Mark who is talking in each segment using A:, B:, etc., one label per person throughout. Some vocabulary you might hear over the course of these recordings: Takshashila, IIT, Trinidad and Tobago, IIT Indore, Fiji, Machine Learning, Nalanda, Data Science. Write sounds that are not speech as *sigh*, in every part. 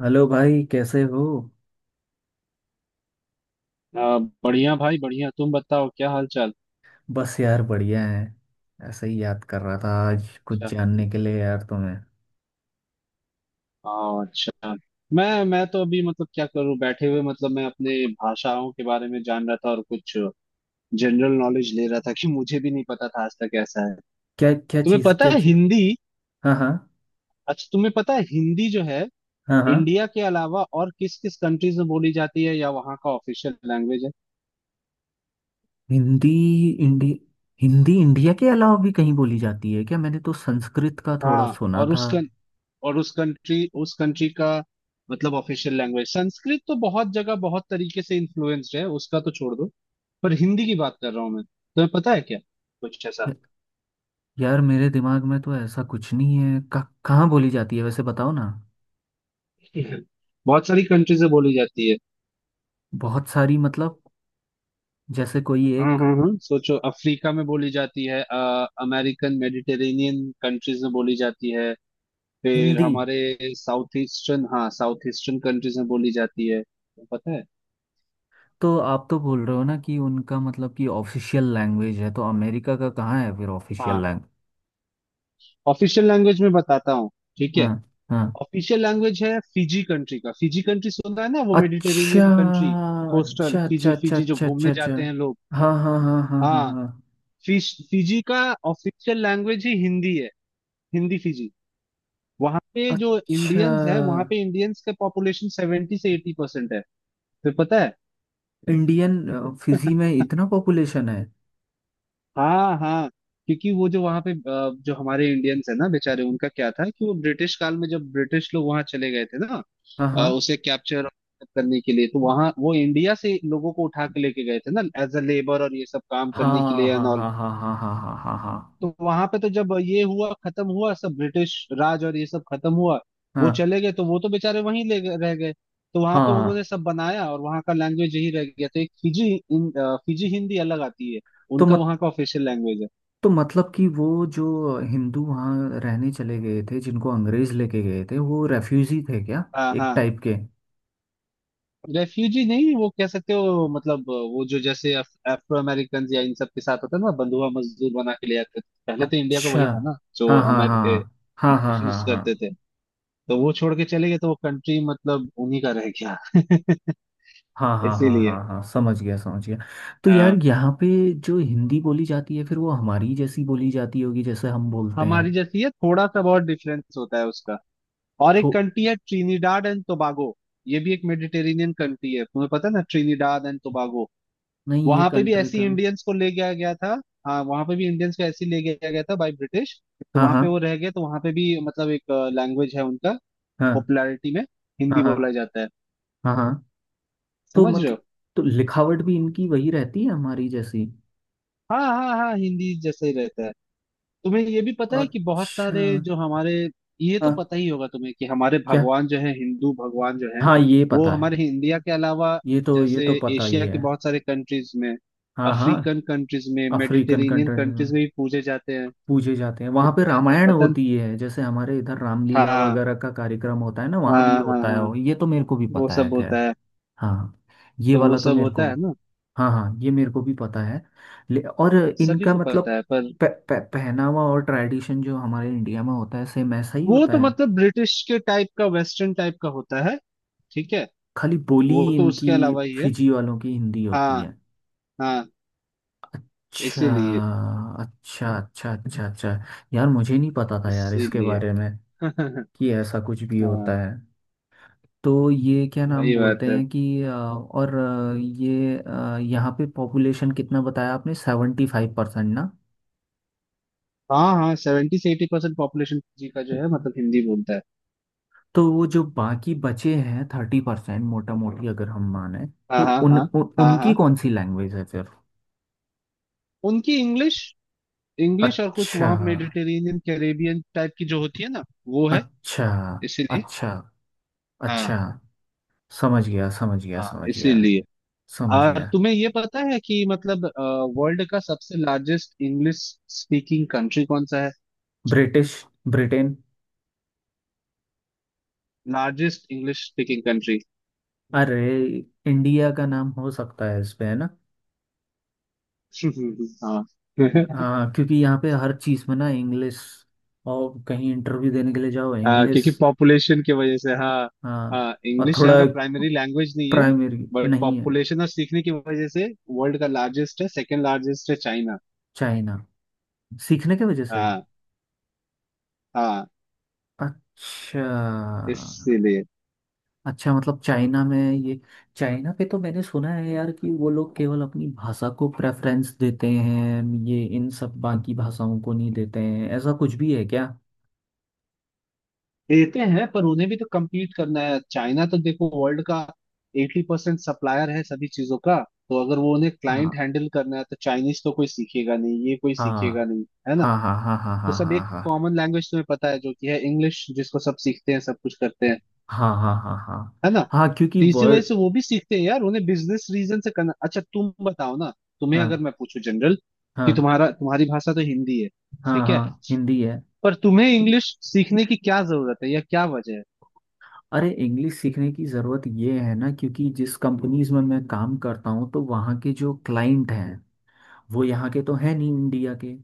A: Hello भाई, कैसे हो?
B: अ, बढ़िया भाई बढ़िया। तुम बताओ क्या हाल चाल।
A: बस यार, बढ़िया है। ऐसे ही याद कर रहा था, आज कुछ
B: अच्छा।
A: जानने के लिए यार तुम्हें।
B: हाँ, अच्छा। मैं तो अभी मतलब क्या करूँ बैठे हुए, मतलब मैं अपने भाषाओं के बारे में जान रहा था और कुछ जनरल नॉलेज ले रहा था कि मुझे भी नहीं पता था आज तक ऐसा है।
A: क्या क्या
B: तुम्हें
A: चीज़?
B: पता
A: क्या
B: है
A: चीज़?
B: हिंदी?
A: हाँ हाँ।
B: अच्छा, तुम्हें पता है हिंदी जो है
A: हाँ हाँ।
B: इंडिया के अलावा और किस किस कंट्रीज में बोली जाती है या वहाँ का ऑफिशियल लैंग्वेज है?
A: हिंदी इंडी, हिंदी इंडिया के अलावा भी कहीं बोली जाती है क्या? मैंने तो संस्कृत का थोड़ा
B: हाँ,
A: सुना
B: और
A: था।
B: उसका, और उस कंट्री, उस कंट्री का मतलब ऑफिशियल लैंग्वेज? संस्कृत तो बहुत जगह बहुत तरीके से इन्फ्लुएंस्ड है, उसका तो छोड़ दो। पर हिंदी की बात कर रहा हूँ मैं, तुम्हें पता है क्या कुछ ऐसा?
A: या, यार मेरे दिमाग में तो ऐसा कुछ नहीं है कहाँ बोली जाती है वैसे बताओ ना।
B: *laughs* बहुत सारी कंट्रीज में बोली जाती है।
A: बहुत सारी मतलब, जैसे कोई
B: हाँ
A: एक
B: हाँ हाँ, सोचो, अफ्रीका में बोली जाती है, अमेरिकन मेडिटेरेनियन कंट्रीज में बोली जाती है, फिर
A: हिंदी।
B: हमारे साउथ ईस्टर्न, हाँ साउथ ईस्टर्न कंट्रीज में बोली जाती है, पता है?
A: तो आप तो बोल रहे हो ना कि उनका मतलब कि ऑफिशियल लैंग्वेज है, तो अमेरिका का कहाँ है फिर ऑफिशियल
B: हाँ,
A: लैंग्वेज?
B: ऑफिशियल लैंग्वेज में बताता हूँ। ठीक है,
A: हाँ। हाँ।
B: ऑफिशियल लैंग्वेज है फिजी कंट्री का। फिजी कंट्री सुना है ना, वो
A: अच्छा
B: मेडिटेरेनियन कंट्री, कोस्टल
A: अच्छा अच्छा
B: फिजी,
A: अच्छा
B: फिजी जो
A: अच्छा
B: घूमने
A: अच्छा अच्छा।
B: जाते हैं लोग।
A: हाँ हाँ हाँ हाँ हाँ
B: हाँ,
A: हाँ।
B: फिश फिजी का ऑफिशियल लैंग्वेज ही हिंदी है, हिंदी फिजी। वहां पे जो
A: अच्छा।
B: इंडियंस है, वहां पे इंडियंस का पॉपुलेशन 70 से 80% है, तो पता है।
A: इंडियन, फिजी में इतना पॉपुलेशन है?
B: हाँ हाँ, क्योंकि वो जो वहां पे जो हमारे इंडियंस है ना बेचारे, उनका क्या था कि वो ब्रिटिश काल में जब ब्रिटिश लोग वहां चले गए थे ना,
A: हाँ हाँ।
B: उसे कैप्चर करने के लिए तो वहां वो इंडिया से लोगों को उठा के लेके गए थे ना, एज अ लेबर और ये सब काम करने के
A: हाँ
B: लिए
A: हाँ
B: एंड ऑल।
A: हाँ हाँ हाँ। हाँ हाँ हाँ
B: तो वहां पे तो जब ये हुआ, खत्म हुआ सब, ब्रिटिश राज और ये सब खत्म हुआ, वो
A: हाँ
B: चले गए, तो वो तो बेचारे रह गए। तो वहां
A: हाँ
B: पे
A: हाँ हाँ।
B: उन्होंने सब बनाया और वहां का लैंग्वेज यही रह गया, तो एक फिजी हिंदी अलग आती है,
A: तो
B: उनका
A: मत
B: वहां का ऑफिशियल लैंग्वेज है।
A: तो मतलब कि वो जो हिंदू वहाँ रहने चले गए थे जिनको अंग्रेज लेके गए थे, वो रेफ्यूजी थे क्या?
B: हाँ
A: एक
B: हाँ,
A: टाइप के।
B: रेफ्यूजी नहीं वो कह सकते हो, मतलब वो जो जैसे अफ्रो अमेरिकन या इन सब के साथ होता है ना, बंधुआ मजदूर बना के ले आते थे पहले, तो इंडिया का
A: अच्छा।
B: वही था ना जो
A: हाँ हाँ
B: अमेर
A: हाँ हाँ हाँ
B: ब्रिटिशर्स
A: हाँ।
B: करते थे। तो वो छोड़ के चले गए, तो वो कंट्री मतलब उन्हीं का रह गया। *laughs*
A: हाँ हाँ हाँ हाँ हाँ
B: इसीलिए।
A: हाँ हाँ। समझ गया समझ गया। तो यार,
B: हाँ,
A: यहाँ पे जो हिंदी बोली जाती है, फिर वो हमारी जैसी बोली जाती होगी जैसे हम बोलते हैं?
B: हमारी जैसी है, थोड़ा सा बहुत डिफरेंस होता है उसका। और
A: तो
B: एक कंट्री है ट्रिनिडाड एंड टोबागो, ये भी एक मेडिटेरेनियन कंट्री है, तुम्हें पता है ना ट्रिनिडाड एंड टोबागो?
A: नहीं, ये
B: वहां पे भी
A: कंट्री का।
B: ऐसी इंडियंस को ले गया गया था। हाँ, वहां पे भी इंडियंस को ऐसी ले गया गया था बाय ब्रिटिश, तो
A: हाँ
B: वहां पे वो
A: हाँ
B: रह गए, तो वहां पे भी मतलब एक लैंग्वेज है उनका,
A: हाँ।
B: पॉपुलैरिटी में
A: हाँ
B: हिंदी बोला
A: हाँ।
B: जाता है,
A: हाँ हाँ। तो
B: समझ रहे हो?
A: मतलब, तो लिखावट भी इनकी वही रहती है, हमारी जैसी?
B: हाँ हाँ हाँ, हिंदी जैसा ही रहता है। तुम्हें ये भी पता है कि बहुत
A: अच्छा।
B: सारे जो हमारे, ये तो
A: हाँ।
B: पता ही होगा तुम्हें, कि हमारे
A: क्या?
B: भगवान जो है, हिंदू भगवान जो है,
A: हाँ ये
B: वो
A: पता है।
B: हमारे इंडिया के अलावा
A: ये
B: जैसे
A: तो पता ही
B: एशिया के
A: है।
B: बहुत सारे कंट्रीज में,
A: हाँ हाँ।
B: अफ्रीकन कंट्रीज में,
A: अफ्रीकन
B: मेडिटेरेनियन
A: कंट्री?
B: कंट्रीज में भी पूजे जाते हैं।
A: पूजे जाते हैं, वहां पे
B: पूजे जाते हैं,
A: रामायण
B: पता?
A: होती है जैसे हमारे इधर रामलीला
B: हाँ
A: वगैरह का कार्यक्रम होता है ना, वहां भी ये
B: हाँ हाँ
A: होता
B: हाँ,
A: है, ये तो मेरे को भी
B: वो
A: पता है,
B: सब होता
A: खैर।
B: है,
A: हाँ। ये
B: तो वो
A: वाला तो
B: सब
A: मेरे को।
B: होता है ना।
A: हाँ हाँ, ये मेरे को भी पता है। और
B: सभी
A: इनका
B: को
A: मतलब
B: पता है, पर
A: पहनावा और ट्रेडिशन जो हमारे इंडिया में होता है, सेम ऐसा ही
B: वो
A: होता
B: तो
A: है?
B: मतलब ब्रिटिश के टाइप का वेस्टर्न टाइप का होता है, ठीक है।
A: खाली बोली
B: वो तो
A: इनकी,
B: उसके अलावा ही है।
A: फिजी वालों की हिंदी होती
B: हाँ
A: है?
B: हाँ।
A: अच्छा।
B: इसीलिए।
A: अच्छा अच्छा अच्छा अच्छा। यार मुझे नहीं पता था यार इसके
B: इसीलिए।
A: बारे
B: *laughs*
A: में,
B: हाँ,
A: कि ऐसा कुछ भी होता है। तो ये क्या नाम
B: वही बात
A: बोलते
B: है।
A: हैं कि और ये यहाँ पे पॉपुलेशन कितना बताया आपने, 75% ना?
B: हाँ हाँ, 70 से 80% पॉपुलेशन जी का जो है, मतलब हिंदी बोलता है।
A: तो वो जो बाकी बचे हैं, 30% मोटा मोटी अगर हम माने, तो
B: हाँ हाँ
A: उन,
B: हाँ
A: उन
B: हाँ
A: उनकी
B: हाँ,
A: कौन सी लैंग्वेज है फिर?
B: उनकी इंग्लिश, इंग्लिश और कुछ
A: अच्छा
B: वहाँ मेडिटेरेनियन कैरेबियन टाइप की जो होती है ना, वो है।
A: अच्छा
B: इसीलिए।
A: अच्छा अच्छा।
B: हाँ
A: समझ गया समझ गया
B: हाँ,
A: समझ गया।
B: इसीलिए।
A: समझ गया।
B: तुम्हें ये पता है कि मतलब वर्ल्ड का सबसे लार्जेस्ट इंग्लिश स्पीकिंग कंट्री कौन सा है?
A: British, Britain.
B: Largest English speaking country.
A: अरे, इंडिया का नाम हो सकता है इसमें, है ना?
B: *laughs* हाँ। *laughs*
A: हाँ, क्योंकि यहाँ पे हर चीज़ में ना इंग्लिश, और कहीं इंटरव्यू देने के लिए जाओ इंग्लिश।
B: क्योंकि पॉपुलेशन की वजह से, हाँ।
A: हाँ।
B: हाँ,
A: और
B: इंग्लिश यहाँ
A: थोड़ा,
B: का प्राइमरी लैंग्वेज नहीं है,
A: प्राइमरी
B: बट
A: नहीं है।
B: पॉपुलेशन और सीखने की वजह से वर्ल्ड का लार्जेस्ट है। सेकंड लार्जेस्ट है चाइना।
A: चाइना। सीखने के वजह से।
B: हाँ हाँ।
A: अच्छा।
B: इसीलिए।
A: अच्छा मतलब चाइना में ये, चाइना पे तो मैंने सुना है यार कि वो लोग केवल अपनी भाषा को प्रेफरेंस देते हैं, ये इन सब बाकी भाषाओं को नहीं देते हैं, ऐसा कुछ भी है क्या?
B: देते हैं, पर उन्हें भी तो compete करना है। चाइना तो देखो वर्ल्ड का 80% सप्लायर है सभी चीजों का, तो अगर वो उन्हें क्लाइंट
A: हाँ
B: हैंडल करना है तो चाइनीज तो कोई सीखेगा नहीं, ये कोई सीखेगा
A: हाँ।
B: नहीं, है ना।
A: हाँ हाँ हाँ
B: तो
A: हाँ
B: सब
A: हाँ
B: एक
A: हाँ।
B: कॉमन लैंग्वेज, तुम्हें पता है, जो कि है इंग्लिश, जिसको सब सीखते हैं, सब कुछ करते हैं,
A: हाँ हाँ हाँ हाँ हाँ।
B: है ना।
A: हाँ हाँ, क्योंकि
B: तो इसी वजह
A: वर्ड।
B: से वो भी सीखते हैं यार, उन्हें बिजनेस रीजन से करना। अच्छा तुम बताओ ना, तुम्हें अगर
A: हाँ
B: मैं पूछूं जनरल, कि
A: हाँ।
B: तुम्हारा, तुम्हारी भाषा तो हिंदी है,
A: हाँ
B: ठीक
A: हाँ
B: है,
A: हिंदी है।
B: पर तुम्हें इंग्लिश सीखने की क्या जरूरत है या क्या वजह है?
A: अरे, इंग्लिश सीखने की ज़रूरत ये है ना, क्योंकि जिस कंपनीज में मैं काम करता हूँ, तो वहाँ के जो क्लाइंट हैं, वो यहाँ के तो है नहीं, इंडिया के,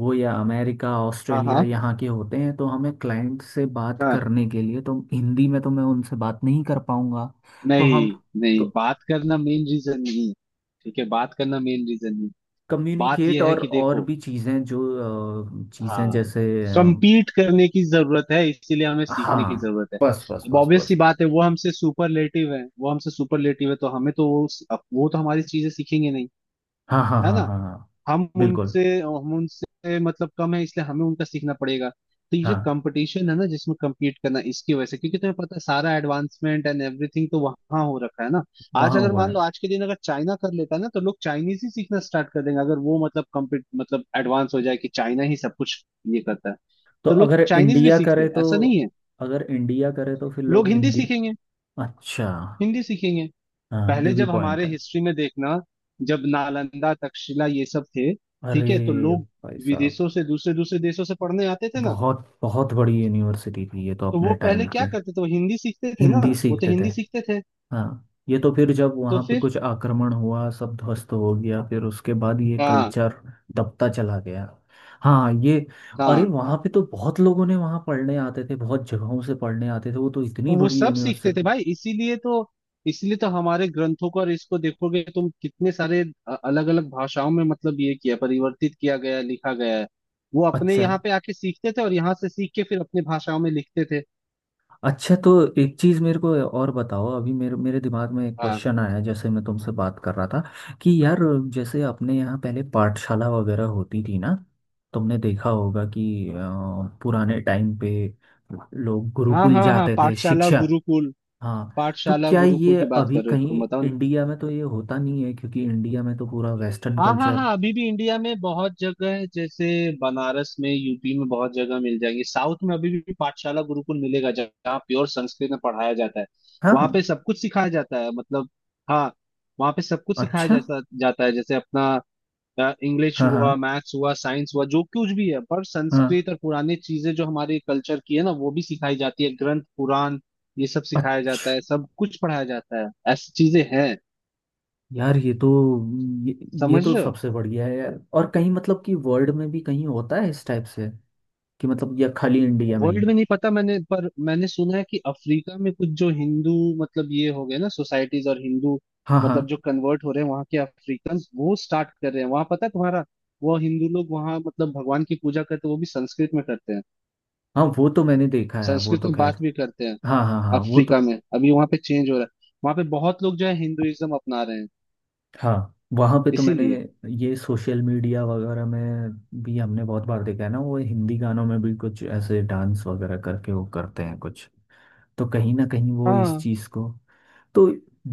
A: वो या अमेरिका, ऑस्ट्रेलिया,
B: हाँ
A: यहाँ के होते हैं। तो हमें क्लाइंट से बात
B: हाँ,
A: करने के लिए, तो हिंदी में तो मैं उनसे बात नहीं कर पाऊँगा। तो हम,
B: नहीं नहीं,
A: तो
B: बात करना मेन रीजन नहीं है, ठीक है, बात करना मेन रीजन नहीं। बात
A: कम्युनिकेट
B: यह है कि
A: और
B: देखो,
A: भी चीज़ें जो, चीज़ें
B: हाँ,
A: जैसे
B: कंपीट करने की जरूरत है इसीलिए हमें सीखने की
A: हाँ।
B: जरूरत है।
A: बस बस
B: अब
A: बस
B: ऑब्वियस सी
A: बस।
B: बात है, वो हमसे सुपरलेटिव है, वो हमसे सुपरलेटिव है, तो हमें तो वो तो हमारी चीजें सीखेंगे नहीं,
A: हाँ हाँ
B: है
A: हाँ
B: ना।
A: हाँ हाँ।
B: हम
A: बिल्कुल।
B: उनसे हम उनसे मतलब कम है, इसलिए हमें उनका सीखना पड़ेगा। तो ये जो
A: हाँ
B: कंपटीशन है ना, जिसमें compete करना, इसकी वजह से, क्योंकि तुम्हें पता है सारा एडवांसमेंट एंड एवरीथिंग तो वहां हो रखा है ना। आज
A: वहाँ
B: अगर
A: हुआ
B: मान
A: है।
B: लो, आज के दिन अगर चाइना कर लेता है ना, तो लोग चाइनीज ही सीखना स्टार्ट कर देंगे, अगर वो मतलब कम्पीट, मतलब एडवांस हो जाए कि चाइना ही सब कुछ ये करता है।
A: तो
B: तो लोग
A: अगर
B: चाइनीज भी
A: इंडिया
B: सीखते
A: करे
B: हैं,
A: तो?
B: ऐसा नहीं है।
A: अगर इंडिया करे तो फिर लोग
B: लोग हिंदी
A: हिंदी?
B: सीखेंगे,
A: अच्छा।
B: हिंदी सीखेंगे।
A: हाँ, ये
B: पहले
A: भी
B: जब
A: पॉइंट
B: हमारे
A: है।
B: हिस्ट्री में देखना, जब नालंदा तक्षशिला ये सब थे, ठीक है, तो
A: अरे!
B: लोग
A: भाई साहब!
B: विदेशों से दूसरे दूसरे देशों से पढ़ने आते थे ना,
A: बहुत बहुत बड़ी यूनिवर्सिटी थी ये तो
B: तो
A: अपने
B: वो पहले
A: टाइम
B: क्या
A: की।
B: करते थे, वो हिंदी सीखते थे ना,
A: हिंदी
B: वो तो
A: सीखते थे।
B: हिंदी सीखते थे।
A: हाँ ये तो, फिर जब
B: तो
A: वहाँ पे
B: फिर,
A: कुछ आक्रमण हुआ, सब ध्वस्त हो गया, फिर उसके बाद ये
B: हाँ
A: कल्चर दबता चला गया। हाँ ये। अरे,
B: हाँ,
A: वहाँ पे तो बहुत लोगों ने, वहाँ पढ़ने आते थे बहुत जगहों से, पढ़ने आते थे, वो तो इतनी
B: तो वो
A: बड़ी
B: सब सीखते थे
A: यूनिवर्सिटी।
B: भाई, इसीलिए तो, इसलिए तो हमारे ग्रंथों को और इसको देखोगे तुम कितने सारे अलग अलग भाषाओं में, मतलब ये किया, परिवर्तित किया गया, लिखा गया है। वो अपने
A: अच्छा।
B: यहाँ पे आके सीखते थे और यहाँ से सीख के फिर अपनी भाषाओं में लिखते थे।
A: अच्छा, तो एक चीज़ मेरे को और बताओ, अभी मेरे मेरे दिमाग में एक
B: हाँ
A: क्वेश्चन आया जैसे मैं तुमसे बात कर रहा था कि यार, जैसे अपने यहाँ पहले पाठशाला वगैरह होती थी ना, तुमने देखा होगा कि पुराने टाइम पे लोग
B: हाँ
A: गुरुकुल
B: हाँ, हाँ
A: जाते थे,
B: पाठशाला
A: शिक्षक।
B: गुरुकुल,
A: हाँ। तो
B: पाठशाला
A: क्या
B: गुरुकुल
A: ये
B: की बात
A: अभी
B: कर रहे हो,
A: कहीं
B: तुम बताओ ना।
A: इंडिया में तो ये होता नहीं है, क्योंकि इंडिया में तो पूरा वेस्टर्न
B: हाँ हाँ
A: कल्चर?
B: हाँ, अभी भी इंडिया में बहुत जगह है, जैसे बनारस में, यूपी में बहुत जगह मिल जाएंगे, साउथ में अभी भी पाठशाला गुरुकुल मिलेगा जहाँ प्योर संस्कृत में पढ़ाया जाता है।
A: हाँ
B: वहाँ
A: हाँ।
B: पे सब कुछ सिखाया जाता है, मतलब, हाँ, वहाँ पे सब कुछ सिखाया
A: अच्छा।
B: जाता जाता है, जैसे अपना इंग्लिश
A: हाँ हाँ
B: हुआ, मैथ्स हुआ, साइंस हुआ, जो कुछ भी है, पर
A: हाँ।
B: संस्कृत और पुरानी चीजें जो हमारे कल्चर की है ना, वो भी सिखाई जाती है, ग्रंथ पुराण ये सब सिखाया जाता
A: अच्छा
B: है, सब कुछ पढ़ाया जाता है ऐसी चीजें हैं।
A: यार, ये तो, ये, ये
B: समझ
A: तो
B: रहे हो?
A: सबसे बढ़िया है यार। और कहीं मतलब कि वर्ल्ड में भी कहीं होता है इस टाइप से, कि मतलब, या खाली इंडिया में ही?
B: वर्ल्ड में नहीं पता मैंने, पर मैंने सुना है कि अफ्रीका में कुछ जो हिंदू, मतलब ये हो गए ना सोसाइटीज, और हिंदू
A: हाँ
B: मतलब
A: हाँ
B: जो कन्वर्ट हो रहे हैं वहां के अफ्रीकन, वो स्टार्ट कर रहे हैं वहां, पता है तुम्हारा। वो हिंदू लोग वहां मतलब भगवान की पूजा करते हैं वो भी संस्कृत में करते हैं,
A: हाँ, वो तो मैंने देखा है, वो
B: संस्कृत
A: तो
B: में
A: खैर।
B: बात भी करते हैं।
A: हाँ हाँ हाँ, वो तो।
B: अफ्रीका में अभी वहां पे चेंज हो रहा है, वहां पे बहुत लोग जो है हिंदुइज्म अपना रहे हैं।
A: हाँ वहाँ पे तो मैंने,
B: इसीलिए।
A: ये सोशल मीडिया वगैरह में भी हमने बहुत बार देखा है ना, वो हिंदी गानों में भी कुछ ऐसे डांस वगैरह करके वो करते हैं कुछ। तो कहीं ना कहीं वो इस
B: हाँ।
A: चीज़ को। तो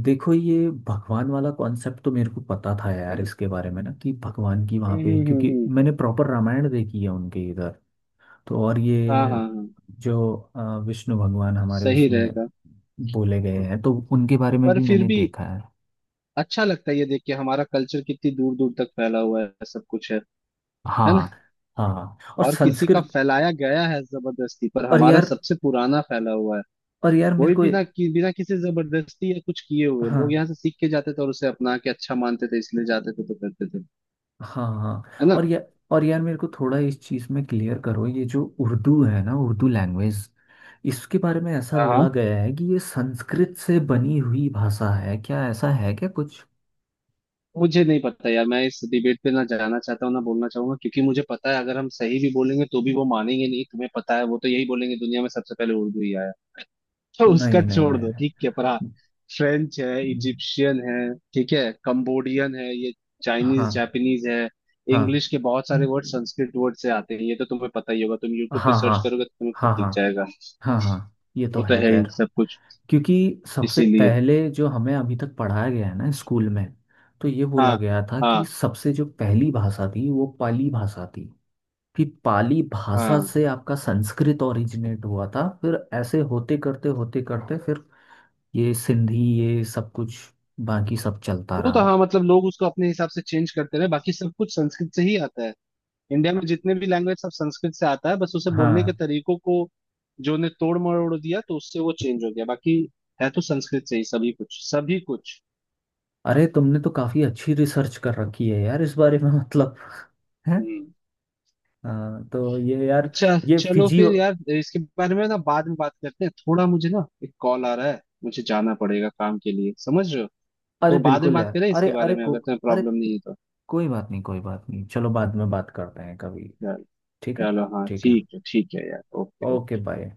A: देखो, ये भगवान वाला कॉन्सेप्ट तो मेरे को पता था यार इसके बारे में ना, कि भगवान की वहाँ
B: हम्म हम्म
A: पे,
B: हम्म
A: क्योंकि
B: हम्म।
A: मैंने प्रॉपर रामायण देखी है उनके इधर। तो और
B: हाँ हाँ
A: ये
B: हाँ,
A: जो विष्णु भगवान हमारे,
B: सही
A: उसमें
B: रहेगा।
A: बोले गए हैं, तो उनके बारे में
B: पर
A: भी
B: फिर
A: मैंने
B: भी
A: देखा है।
B: अच्छा लगता है ये देख के, हमारा कल्चर कितनी दूर दूर तक फैला हुआ है, सब कुछ है
A: हाँ।
B: ना।
A: हाँ और
B: और किसी का
A: संस्कृत।
B: फैलाया गया है जबरदस्ती, पर
A: और
B: हमारा
A: यार,
B: सबसे पुराना फैला हुआ है।
A: और यार मेरे
B: वही,
A: को।
B: बिना किसी जबरदस्ती या कुछ किए हुए लोग
A: हाँ
B: यहाँ से सीख के जाते थे, और उसे अपना के अच्छा मानते थे इसलिए जाते थे, तो करते थे,
A: हाँ
B: है
A: हाँ
B: ना।
A: और या, और यार मेरे को थोड़ा इस चीज़ में क्लियर करो, ये जो उर्दू है ना, उर्दू लैंग्वेज, इसके बारे में ऐसा बोला
B: हाँ,
A: गया है कि ये संस्कृत से बनी हुई भाषा है क्या? ऐसा है क्या कुछ?
B: मुझे नहीं पता यार, मैं इस डिबेट पे ना जाना चाहता हूँ ना बोलना चाहूंगा, क्योंकि मुझे पता है अगर हम सही भी बोलेंगे तो भी वो मानेंगे नहीं। तुम्हें पता है, वो तो यही बोलेंगे दुनिया में सबसे पहले उर्दू ही आया है। तो उसका
A: नहीं नहीं
B: छोड़
A: नहीं,
B: दो,
A: नहीं।
B: ठीक है, पर हाँ, फ्रेंच है, इजिप्शियन है, ठीक है, कंबोडियन है, ये चाइनीज
A: हाँ
B: जापानीज है,
A: हाँ।
B: इंग्लिश के बहुत सारे वर्ड संस्कृत वर्ड से आते हैं, ये तो तुम्हें पता ही होगा, तुम यूट्यूब पे
A: हाँ हाँ।
B: सर्च करोगे तो तुम्हें खुद
A: हाँ
B: दिख
A: हाँ।
B: जाएगा।
A: हाँ हाँ। ये तो
B: वो तो
A: है,
B: है ही
A: खैर।
B: सब कुछ।
A: क्योंकि सबसे
B: इसीलिए।
A: पहले जो हमें अभी तक पढ़ाया गया है ना स्कूल में, तो ये
B: हाँ
A: बोला गया था कि
B: हाँ
A: सबसे जो पहली भाषा थी वो पाली भाषा थी, कि पाली भाषा
B: हाँ,
A: से आपका संस्कृत ओरिजिनेट हुआ था, फिर ऐसे होते करते फिर ये सिंधी ये सब कुछ बाकी सब चलता
B: वो तो,
A: रहा।
B: हाँ मतलब लोग उसको अपने हिसाब से चेंज करते रहे, बाकी सब कुछ संस्कृत से ही आता है। इंडिया में जितने भी लैंग्वेज सब संस्कृत से आता है, बस उसे बोलने के
A: हाँ।
B: तरीकों को जो ने तोड़ मरोड़ दिया तो उससे वो चेंज हो गया, बाकी है तो संस्कृत से ही, सभी कुछ, सभी कुछ।
A: अरे, तुमने तो काफी अच्छी रिसर्च कर रखी है यार इस बारे में *laughs* मतलब। है।
B: हम्म।
A: हाँ तो ये यार,
B: अच्छा
A: ये
B: चलो
A: फिजी।
B: फिर यार, इसके बारे में ना बाद में बात करते हैं, थोड़ा मुझे ना एक कॉल आ रहा है, मुझे जाना पड़ेगा काम के लिए, समझ रहे हो।
A: अरे
B: तो बाद में
A: बिल्कुल
B: बात
A: यार,
B: करें
A: अरे,
B: इसके बारे
A: अरे
B: में,
A: को।
B: अगर तुम्हें
A: अरे,
B: प्रॉब्लम नहीं है तो।
A: कोई बात नहीं कोई बात नहीं, चलो बाद में बात करते हैं कभी।
B: चल-
A: ठीक है।
B: चलो हाँ,
A: ठीक है।
B: ठीक है यार, ओके
A: ओके
B: ओके।
A: बाय।